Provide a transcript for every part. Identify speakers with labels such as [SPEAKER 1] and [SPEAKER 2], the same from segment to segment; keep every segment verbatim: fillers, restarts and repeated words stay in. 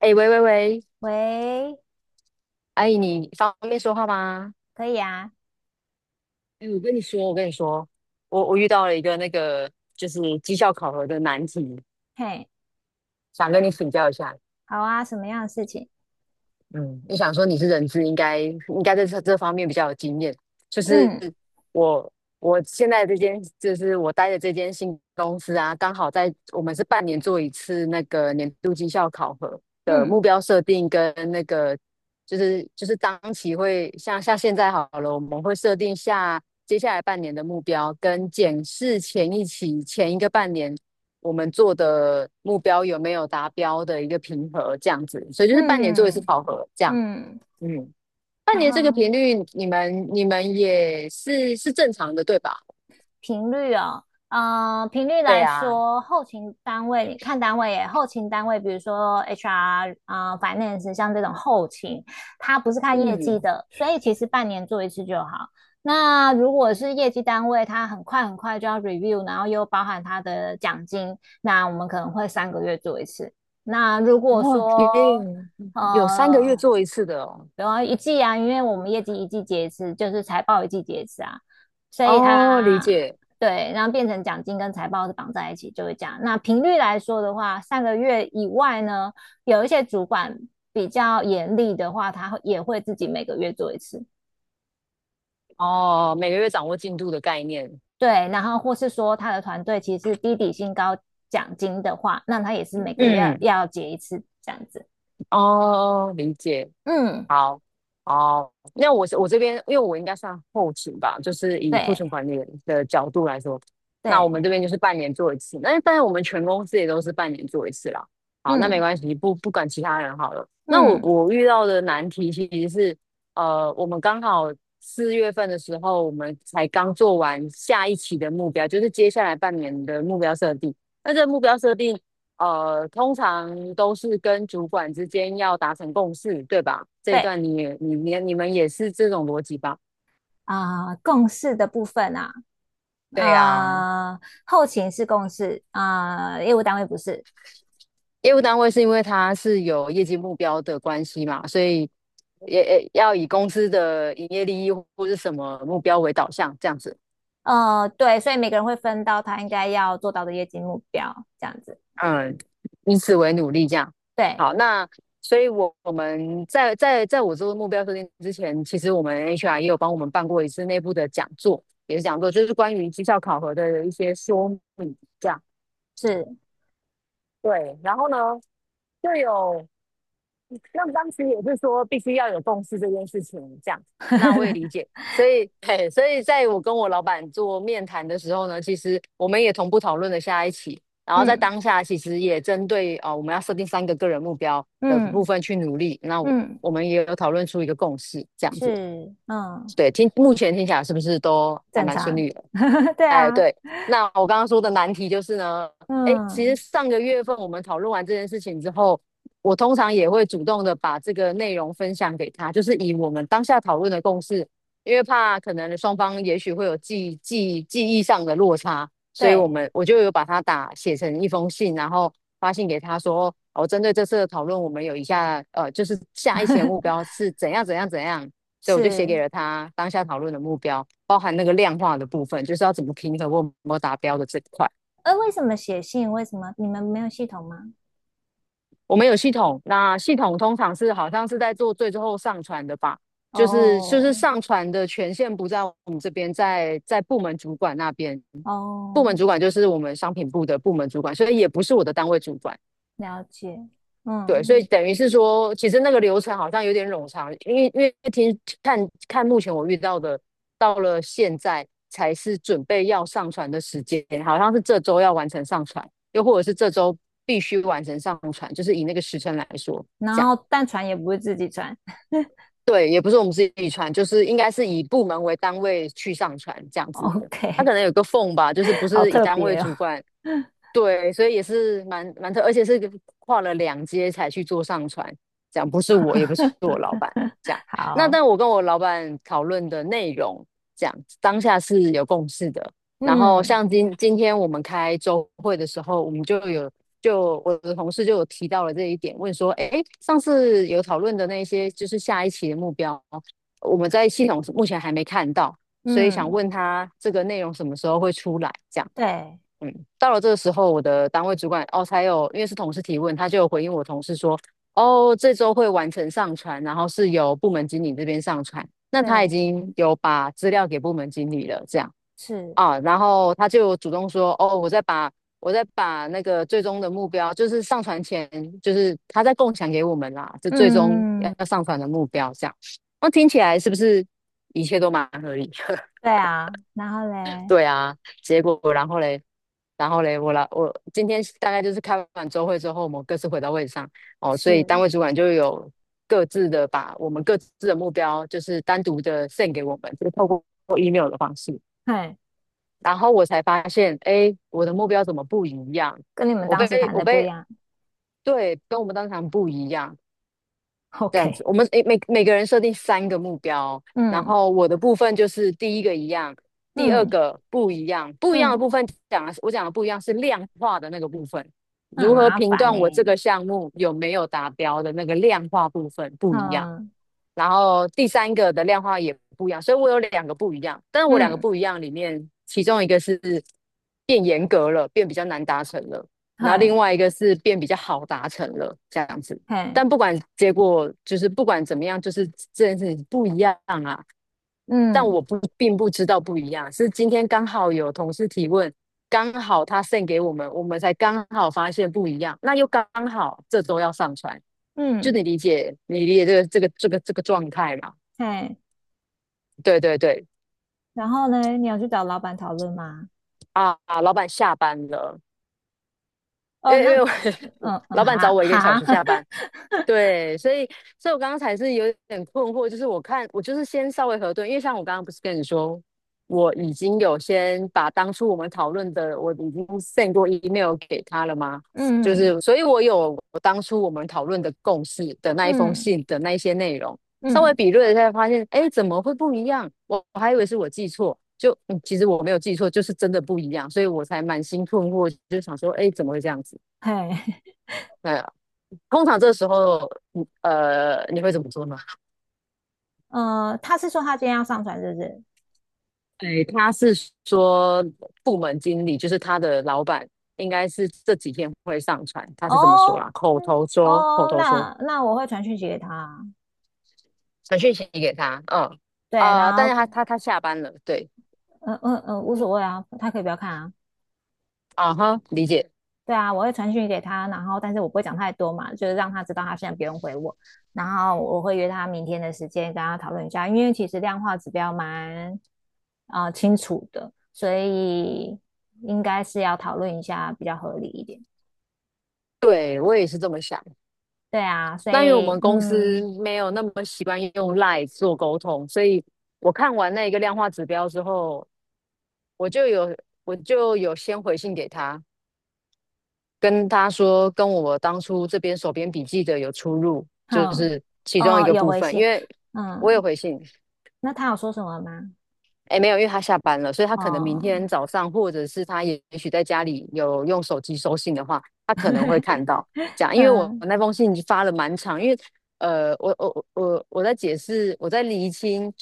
[SPEAKER 1] 哎，喂喂喂，
[SPEAKER 2] 喂，
[SPEAKER 1] 阿姨，你方便说话吗？
[SPEAKER 2] 可以啊，
[SPEAKER 1] 哎，我跟你说，我跟你说，我我遇到了一个那个就是绩效考核的难题，
[SPEAKER 2] 嘿，
[SPEAKER 1] 想跟你请教一下。
[SPEAKER 2] 好啊，什么样的事情？
[SPEAKER 1] 嗯，我想说你是人资，应该应该在这这方面比较有经验。就是
[SPEAKER 2] 嗯
[SPEAKER 1] 我我现在这间，就是我待的这间新公司啊，刚好在我们是半年做一次那个年度绩效考核的
[SPEAKER 2] 嗯
[SPEAKER 1] 目标设定跟那个就是就是当期会像像现在好了，我们会设定下接下来半年的目标，跟检视前一期前一个半年我们做的目标有没有达标的一个评核，这样子，所以就是半年做一次
[SPEAKER 2] 嗯
[SPEAKER 1] 考核，这样，
[SPEAKER 2] 嗯，
[SPEAKER 1] 嗯，半
[SPEAKER 2] 然
[SPEAKER 1] 年这个频
[SPEAKER 2] 后
[SPEAKER 1] 率，你们你们也是是正常的，对吧？
[SPEAKER 2] 频率哦，嗯、频率
[SPEAKER 1] 对
[SPEAKER 2] 来
[SPEAKER 1] 啊，
[SPEAKER 2] 说，后勤单位你看单位耶，后勤单位，比如说 H R 啊、finance，像这种后勤，它不是看业
[SPEAKER 1] 嗯，
[SPEAKER 2] 绩的，所以其实半年做一次就好。那如果是业绩单位，它很快很快就要 review，然后又包含它的奖金，那我们可能会三个月做一次。那如果
[SPEAKER 1] 哇，
[SPEAKER 2] 说
[SPEAKER 1] 也有三个月
[SPEAKER 2] 呃，
[SPEAKER 1] 做一次的哦，
[SPEAKER 2] 然后一季啊，因为我们业绩一季结一次，就是财报一季结一次啊，所以
[SPEAKER 1] 哦，理
[SPEAKER 2] 它
[SPEAKER 1] 解，
[SPEAKER 2] 对，然后变成奖金跟财报是绑在一起，就会这样。那频率来说的话，上个月以外呢，有一些主管比较严厉的话，他也会自己每个月做一次。
[SPEAKER 1] 哦，每个月掌握进度的概念，
[SPEAKER 2] 对，然后或是说他的团队其实是低底薪高奖金的话，那他也是每个月要
[SPEAKER 1] 嗯，
[SPEAKER 2] 要结一次这样子。
[SPEAKER 1] 哦，理解，
[SPEAKER 2] 嗯，
[SPEAKER 1] 好，哦，那我是我这边，因为我应该算后勤吧，就是以库存
[SPEAKER 2] 对
[SPEAKER 1] 管理的角度来说，那我们
[SPEAKER 2] 对，
[SPEAKER 1] 这边就是半年做一次，那但是我们全公司也都是半年做一次啦。好，那没
[SPEAKER 2] 嗯
[SPEAKER 1] 关系，不不管其他人好了。那我
[SPEAKER 2] 嗯
[SPEAKER 1] 我遇到的难题其实是，呃，我们刚好四月份的时候，我们才刚做完下一期的目标，就是接下来半年的目标设定。那这个目标设定呃，通常都是跟主管之间要达成共识，对吧？这一
[SPEAKER 2] 对
[SPEAKER 1] 段你也你你你们也是这种逻辑吧？
[SPEAKER 2] 啊、呃共事的部分啊，
[SPEAKER 1] 对呀，
[SPEAKER 2] 呃，后勤是共事啊、呃业务单位不是，
[SPEAKER 1] 业务单位是因为它是有业绩目标的关系嘛，所以也也要以公司的营业利益或是什么目标为导向，这样子。
[SPEAKER 2] 呃，对，所以每个人会分到他应该要做到的业绩目标，这样子。
[SPEAKER 1] 嗯，以此为努力这样。
[SPEAKER 2] 对，
[SPEAKER 1] 好，那所以我，我们在在在我做目标设定之前，其实我们 H R 也有帮我们办过一次内部的讲座，也是讲座，就是关于绩效考核的一些说明这样。
[SPEAKER 2] 是，
[SPEAKER 1] 对，然后呢，就有那当时也是说必须要有共识这件事情，这样，那我也理解。所以，嘿，所以在我跟我老板做面谈的时候呢，其实我们也同步讨论了下一期，然后在
[SPEAKER 2] 嗯
[SPEAKER 1] 当下其实也针对呃我们要设定三个个人目标的部
[SPEAKER 2] 嗯
[SPEAKER 1] 分去努力。那我
[SPEAKER 2] 嗯，
[SPEAKER 1] 我们也有讨论出一个共识，这样子。
[SPEAKER 2] 是，嗯，
[SPEAKER 1] 对，听目前听起来是不是都还
[SPEAKER 2] 正
[SPEAKER 1] 蛮顺
[SPEAKER 2] 常。
[SPEAKER 1] 利的？
[SPEAKER 2] 对
[SPEAKER 1] 哎，
[SPEAKER 2] 啊，
[SPEAKER 1] 对，那我刚刚说的难题就是呢，哎，其实
[SPEAKER 2] 嗯，
[SPEAKER 1] 上个月份我们讨论完这件事情之后，我通常也会主动的把这个内容分享给他，就是以我们当下讨论的共识，因为怕可能双方也许会有记记记忆上的落差，所以我
[SPEAKER 2] 对，
[SPEAKER 1] 们我就有把它打写成一封信，然后发信给他说，哦，针对这次的讨论，我们有以下呃，就是下一期的目 标是怎样怎样怎样，所以我就写
[SPEAKER 2] 是。
[SPEAKER 1] 给了他当下讨论的目标，包含那个量化的部分，就是要怎么平衡我有没有达标的这一块。
[SPEAKER 2] 呃，为什么写信？为什么你们没有系统吗？
[SPEAKER 1] 我们有系统，那系统通常是好像是在做最最后上传的吧，就是就是
[SPEAKER 2] 哦
[SPEAKER 1] 上传的权限不在我们这边，在在部门主管那边。部门
[SPEAKER 2] 哦，
[SPEAKER 1] 主管就是我们商品部的部门主管，所以也不是我的单位主管。
[SPEAKER 2] 了解。
[SPEAKER 1] 对，所以
[SPEAKER 2] 嗯，
[SPEAKER 1] 等于是说，其实那个流程好像有点冗长，因为因为听看看目前我遇到的，到了现在才是准备要上传的时间，好像是这周要完成上传，又或者是这周必须完成上传，就是以那个时辰来说，
[SPEAKER 2] 然
[SPEAKER 1] 这样。
[SPEAKER 2] 后但传也不是自己传。
[SPEAKER 1] 对，也不是我们自己传，就是应该是以部门为单位去上传这样子的。他可
[SPEAKER 2] OK，
[SPEAKER 1] 能有个缝吧，就是不
[SPEAKER 2] 好
[SPEAKER 1] 是以
[SPEAKER 2] 特
[SPEAKER 1] 单位
[SPEAKER 2] 别哦。
[SPEAKER 1] 主管 对，所以也是蛮蛮特，而且是跨了两阶才去做上传，这样不是我，也不是我老板，这样。那
[SPEAKER 2] 好，
[SPEAKER 1] 但我跟我老板讨论的内容，这样当下是有共识的。然后
[SPEAKER 2] 嗯
[SPEAKER 1] 像今今天我们开周会的时候，我们就有就我的同事就有提到了这一点，问说，哎，上次有讨论的那些，就是下一期的目标，我们在系统目前还没看到，所以想
[SPEAKER 2] 嗯。
[SPEAKER 1] 问他这个内容什么时候会出来，这样。
[SPEAKER 2] 对
[SPEAKER 1] 嗯，到了这个时候，我的单位主管哦，才有，因为是同事提问，他就有回应我同事说，哦，这周会完成上传，然后是由部门经理这边上传，那他已
[SPEAKER 2] 对
[SPEAKER 1] 经有把资料给部门经理了，这样
[SPEAKER 2] 是，
[SPEAKER 1] 啊，然后他就主动说，哦，我再把我再把那个最终的目标，就是上传前，就是他在共享给我们啦，就最终
[SPEAKER 2] 嗯，
[SPEAKER 1] 要上传的目标这样，那听起来是不是一切都蛮合理？
[SPEAKER 2] 对啊，然后嘞
[SPEAKER 1] 对啊，结果然后嘞，然后嘞，我来，我今天大概就是开完周会之后，我们各自回到位置上哦，所以
[SPEAKER 2] 是，
[SPEAKER 1] 单位主管就有各自的把我们各自的目标，就是单独的 send 给我们，就是透过 email 的方式，
[SPEAKER 2] 嘿，
[SPEAKER 1] 然后我才发现，哎，我的目标怎么不一样？
[SPEAKER 2] 跟你们
[SPEAKER 1] 我
[SPEAKER 2] 当
[SPEAKER 1] 被
[SPEAKER 2] 时谈
[SPEAKER 1] 我
[SPEAKER 2] 的不一
[SPEAKER 1] 被
[SPEAKER 2] 样
[SPEAKER 1] 对，跟我们当场不一样，这样子，
[SPEAKER 2] ？OK，
[SPEAKER 1] 我们诶每每个人设定三个目标，然
[SPEAKER 2] 嗯
[SPEAKER 1] 后我的部分就是第一个一样，第二
[SPEAKER 2] 嗯
[SPEAKER 1] 个不一样，不一样的
[SPEAKER 2] 嗯，
[SPEAKER 1] 部分讲的是我讲的不一样是量化的那个部分，
[SPEAKER 2] 那很
[SPEAKER 1] 如何
[SPEAKER 2] 麻
[SPEAKER 1] 评
[SPEAKER 2] 烦
[SPEAKER 1] 断我这
[SPEAKER 2] 呢。
[SPEAKER 1] 个项目有没有达标的那个量化部分不一样。
[SPEAKER 2] 嗯
[SPEAKER 1] 然后第三个的量化也不一样，所以我有两个不一样。但是我两个
[SPEAKER 2] 嗯，
[SPEAKER 1] 不一样里面，其中一个是变严格了，变比较难达成了，然后另
[SPEAKER 2] 嘿
[SPEAKER 1] 外一个是变比较好达成了，这样子。
[SPEAKER 2] 嘿，
[SPEAKER 1] 但不管结果，就是不管怎么样，就是这件事情不一样啊。但
[SPEAKER 2] 嗯
[SPEAKER 1] 我不并不知道不一样，是今天刚好有同事提问，刚好他 send 给我们，我们才刚好发现不一样，那又刚好这周要上传，就
[SPEAKER 2] 嗯
[SPEAKER 1] 你理解你理解这个这个这个这个状态嘛？
[SPEAKER 2] 嘿，
[SPEAKER 1] 对对对，
[SPEAKER 2] 然后呢，你要去找老板讨论吗？
[SPEAKER 1] 啊，老板下班了，因
[SPEAKER 2] 哦，
[SPEAKER 1] 为因
[SPEAKER 2] 那
[SPEAKER 1] 为我
[SPEAKER 2] 嗯 嗯
[SPEAKER 1] 老板找
[SPEAKER 2] 哈
[SPEAKER 1] 我一个小
[SPEAKER 2] 哈，
[SPEAKER 1] 时下班，对，所以，所以我刚刚才是有点困惑，就是我看我就是先稍微核对，因为像我刚刚不是跟你说，我已经有先把当初我们讨论的，我已经 send 过 email 给他了吗？就
[SPEAKER 2] 嗯
[SPEAKER 1] 是，所以我有我当初我们讨论的共识的那一封
[SPEAKER 2] 嗯
[SPEAKER 1] 信的那一些内容，稍微
[SPEAKER 2] 嗯，
[SPEAKER 1] 比对了一下，发现，哎，怎么会不一样？我我还以为是我记错，就，嗯其实我没有记错，就是真的不一样，所以我才满心困惑，就想说，哎，怎么会这样子？
[SPEAKER 2] 嘿，
[SPEAKER 1] 通常这时候，呃，你会怎么做呢？
[SPEAKER 2] 呃，他是说他今天要上传，是不是？
[SPEAKER 1] 哎，他是说部门经理，就是他的老板，应该是这几天会上传，他是这么说
[SPEAKER 2] 哦，
[SPEAKER 1] 啦，口
[SPEAKER 2] 嗯，
[SPEAKER 1] 头说，口
[SPEAKER 2] 哦，
[SPEAKER 1] 头说，
[SPEAKER 2] 那那我会传讯息给他，
[SPEAKER 1] 传讯息给他，嗯，
[SPEAKER 2] 对，
[SPEAKER 1] 啊、但
[SPEAKER 2] 然
[SPEAKER 1] 是
[SPEAKER 2] 后
[SPEAKER 1] 他他他下班了，对，
[SPEAKER 2] 嗯嗯嗯，无所谓啊，他可以不要看啊，
[SPEAKER 1] 啊哈，理解，
[SPEAKER 2] 对啊，我会传讯息给他，然后但是我不会讲太多嘛，就是让他知道他现在不用回我，然后我会约他明天的时间跟他讨论一下，因为其实量化指标蛮啊、呃清楚的，所以应该是要讨论一下比较合理一点，
[SPEAKER 1] 对我也是这么想。
[SPEAKER 2] 对啊，所
[SPEAKER 1] 那因为我
[SPEAKER 2] 以
[SPEAKER 1] 们公司
[SPEAKER 2] 嗯
[SPEAKER 1] 没有那么习惯用 LINE 做沟通，所以我看完那个量化指标之后，我就有我就有先回信给他，跟他说跟我当初这边手边笔记的有出入，就
[SPEAKER 2] 哼，
[SPEAKER 1] 是其中一
[SPEAKER 2] 哦，
[SPEAKER 1] 个
[SPEAKER 2] 有
[SPEAKER 1] 部
[SPEAKER 2] 回
[SPEAKER 1] 分，
[SPEAKER 2] 信，
[SPEAKER 1] 因为我有
[SPEAKER 2] 嗯，
[SPEAKER 1] 回信。
[SPEAKER 2] 那他有说什么吗？
[SPEAKER 1] 哎，没有，因为他下班了，所以他可能明
[SPEAKER 2] 哦、
[SPEAKER 1] 天早上，或者是他也也许在家里有用手机收信的话，他可能会看到这 样，因为我
[SPEAKER 2] 嗯
[SPEAKER 1] 那封信发了蛮长，因为呃，我我我我在解释，我在厘清。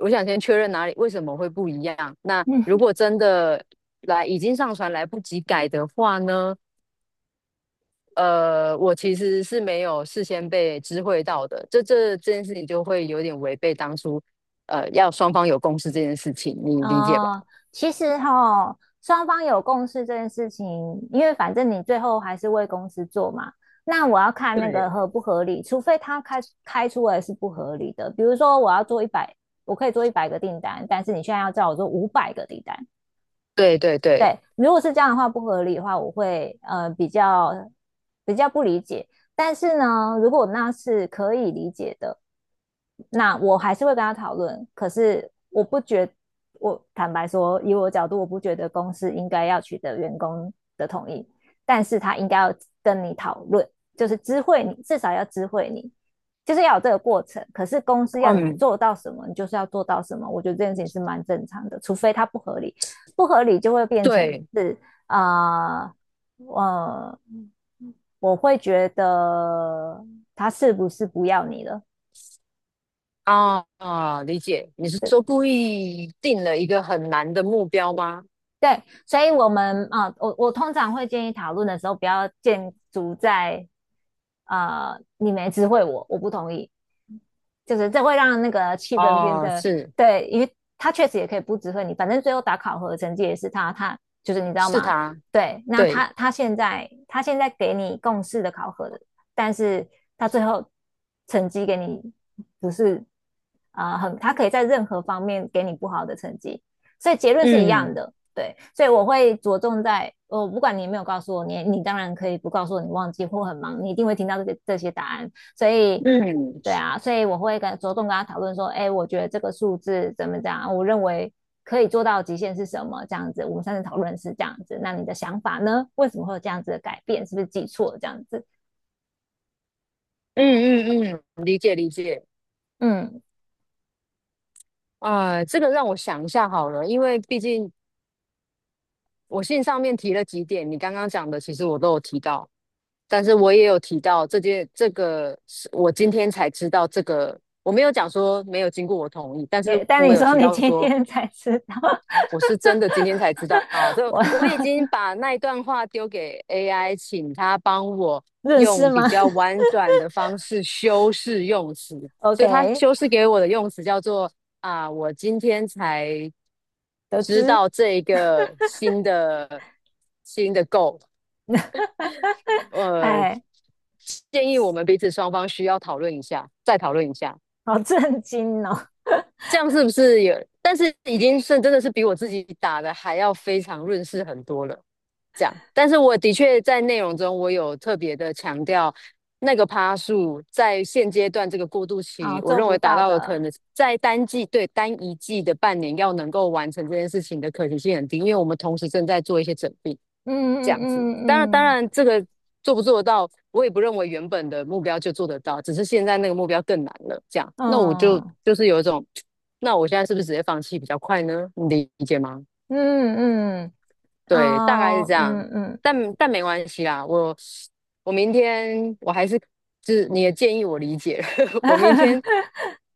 [SPEAKER 1] 我想先确认哪里为什么会不一样。那如
[SPEAKER 2] 嗯
[SPEAKER 1] 果真的来已经上传来不及改的话呢？呃，我其实是没有事先被知会到的，这这这件事情就会有点违背当初，呃，要双方有共识这件事情，你理解吧？
[SPEAKER 2] 哦，其实哈，双方有共识这件事情，因为反正你最后还是为公司做嘛。那我要看那个合不合理，除非他开开出来是不合理的。比如说，我要做一百，我可以做一百个订单，但是你现在要叫我做五百个订单，
[SPEAKER 1] 对对对，
[SPEAKER 2] 对，如果是这样的话不合理的话，我会呃比较比较不理解。但是呢，如果那是可以理解的，那我还是会跟他讨论。可是我不觉，我坦白说，以我的角度，我不觉得公司应该要取得员工的同意，但是他应该要跟你讨论，就是知会你，至少要知会你，就是要有这个过程。可是公司要你
[SPEAKER 1] 嗯，
[SPEAKER 2] 做到什么，你就是要做到什么。我觉得这件事情是蛮正常的，除非它不合理。不合理就会变成
[SPEAKER 1] 对
[SPEAKER 2] 是啊，呃，呃我会觉得他是不是不要你了？
[SPEAKER 1] 啊。啊，理解。你是
[SPEAKER 2] 对
[SPEAKER 1] 说故意定了一个很难的目标吗？
[SPEAKER 2] 对，所以我们啊、呃我我通常会建议讨论的时候，不要建筑在啊、呃你没知会我，我不同意，就是这会让那个气氛变
[SPEAKER 1] 哦，
[SPEAKER 2] 得
[SPEAKER 1] 是，
[SPEAKER 2] 对，因为他确实也可以不指挥你，反正最后打考核成绩也是他，他就是你知道
[SPEAKER 1] 是
[SPEAKER 2] 吗？
[SPEAKER 1] 他。
[SPEAKER 2] 对，那
[SPEAKER 1] 对，
[SPEAKER 2] 他他现在他现在给你共事的考核的，但是他最后成绩给你不是啊、呃很，他可以在任何方面给你不好的成绩，所以结论是一样
[SPEAKER 1] 嗯
[SPEAKER 2] 的。对，所以我会着重在，我、哦不管你有没有告诉我，你你当然可以不告诉我你忘记或很忙，你一定会听到这些这些答案。所以
[SPEAKER 1] 嗯
[SPEAKER 2] 对啊，所以我会跟着重跟他讨论说，哎，我觉得这个数字怎么讲，我认为可以做到极限是什么？这样子，我们上次讨论是这样子，那你的想法呢？为什么会有这样子的改变？是不是记错这样子？
[SPEAKER 1] 嗯嗯嗯，理解理解。
[SPEAKER 2] 嗯，
[SPEAKER 1] 啊，这个让我想一下好了，因为毕竟我信上面提了几点，你刚刚讲的其实我都有提到。但是我也有提到这件，这个是我今天才知道这个，我没有讲说没有经过我同意，但是
[SPEAKER 2] 也，但
[SPEAKER 1] 我
[SPEAKER 2] 你
[SPEAKER 1] 有
[SPEAKER 2] 说
[SPEAKER 1] 提
[SPEAKER 2] 你
[SPEAKER 1] 到
[SPEAKER 2] 今
[SPEAKER 1] 说
[SPEAKER 2] 天才知道，
[SPEAKER 1] 我是真的今天才知道。啊，这
[SPEAKER 2] 我
[SPEAKER 1] 我已经把那一段话丢给 A I，请他帮我
[SPEAKER 2] 认识
[SPEAKER 1] 用
[SPEAKER 2] 吗
[SPEAKER 1] 比较婉转的方式修饰用词，所以他
[SPEAKER 2] ？OK，
[SPEAKER 1] 修饰给我的用词叫做啊，我今天才
[SPEAKER 2] 得
[SPEAKER 1] 知
[SPEAKER 2] 知，
[SPEAKER 1] 道这一个新的新的 goal。呃，
[SPEAKER 2] 哎，
[SPEAKER 1] 建议我们彼此双方需要讨论一下，再讨论一下，
[SPEAKER 2] 好震惊哦，
[SPEAKER 1] 这样是不是有？但是已经是真的是比我自己打的还要非常润饰很多了。这样，但是我的确在内容中，我有特别的强调那个趴数在现阶段这个过渡
[SPEAKER 2] 啊、
[SPEAKER 1] 期，
[SPEAKER 2] 哦
[SPEAKER 1] 我
[SPEAKER 2] 做
[SPEAKER 1] 认
[SPEAKER 2] 不
[SPEAKER 1] 为达
[SPEAKER 2] 到
[SPEAKER 1] 到了可
[SPEAKER 2] 的，
[SPEAKER 1] 能在单季对单一季的半年要能够完成这件事情的可行性很低，因为我们同时正在做一些整并，
[SPEAKER 2] 嗯
[SPEAKER 1] 这
[SPEAKER 2] 嗯
[SPEAKER 1] 样子。
[SPEAKER 2] 嗯
[SPEAKER 1] 当然，当
[SPEAKER 2] 嗯嗯。
[SPEAKER 1] 然这个做不做得到，我也不认为原本的目标就做得到，只是现在那个目标更难了。这样，那我就
[SPEAKER 2] 嗯
[SPEAKER 1] 就是有一种，那我现在是不是直接放弃比较快呢？你理解吗？
[SPEAKER 2] 嗯嗯，
[SPEAKER 1] 对，大概是
[SPEAKER 2] 哦，
[SPEAKER 1] 这样，
[SPEAKER 2] 嗯嗯，
[SPEAKER 1] 但但没关系啦，我我明天我还是就是你的建议我理解了 我明天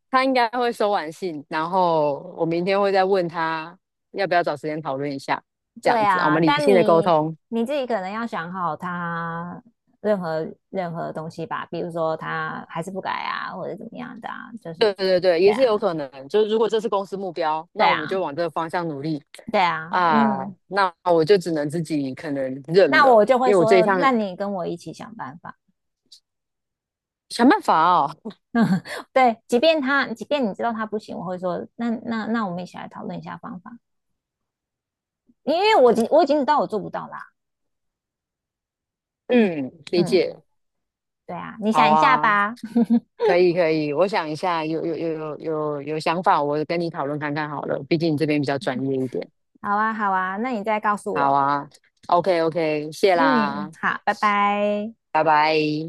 [SPEAKER 1] 他应该会收完信，然后我明天会再问他要不要找时间讨论一下，这
[SPEAKER 2] 对
[SPEAKER 1] 样子啊，我
[SPEAKER 2] 啊，
[SPEAKER 1] 们理
[SPEAKER 2] 但
[SPEAKER 1] 性的沟
[SPEAKER 2] 你
[SPEAKER 1] 通。
[SPEAKER 2] 你自己可能要想好他任何任何东西吧，比如说他还是不改啊，或者怎么样的啊，就是
[SPEAKER 1] 对
[SPEAKER 2] 就
[SPEAKER 1] 对对，
[SPEAKER 2] 对
[SPEAKER 1] 也是有
[SPEAKER 2] 啊，
[SPEAKER 1] 可能，就是如果这是公司目标，
[SPEAKER 2] 对
[SPEAKER 1] 那我们就
[SPEAKER 2] 啊，
[SPEAKER 1] 往这个方向努力
[SPEAKER 2] 对啊，
[SPEAKER 1] 啊，
[SPEAKER 2] 嗯，
[SPEAKER 1] 那我就只能自己可能认
[SPEAKER 2] 那
[SPEAKER 1] 了，
[SPEAKER 2] 我就会
[SPEAKER 1] 因为我这一
[SPEAKER 2] 说，
[SPEAKER 1] 项
[SPEAKER 2] 那你跟我一起想办法。
[SPEAKER 1] 想办法哦。
[SPEAKER 2] 对，即便他，即便你知道他不行，我会说，那那那我们一起来讨论一下方法，因为我已经我已经知道我做不到啦。
[SPEAKER 1] 嗯，理
[SPEAKER 2] 嗯，
[SPEAKER 1] 解，
[SPEAKER 2] 对啊，你
[SPEAKER 1] 好
[SPEAKER 2] 想一下
[SPEAKER 1] 啊。
[SPEAKER 2] 吧。
[SPEAKER 1] 可以可以，我想一下，有有有有有有想法，我跟你讨论看看好了，毕竟你这边比较专业一点。
[SPEAKER 2] 好啊，好啊，那你再告诉
[SPEAKER 1] 好
[SPEAKER 2] 我。
[SPEAKER 1] 啊，OK OK，谢
[SPEAKER 2] 嗯，
[SPEAKER 1] 啦，
[SPEAKER 2] 好，拜拜。
[SPEAKER 1] 拜拜。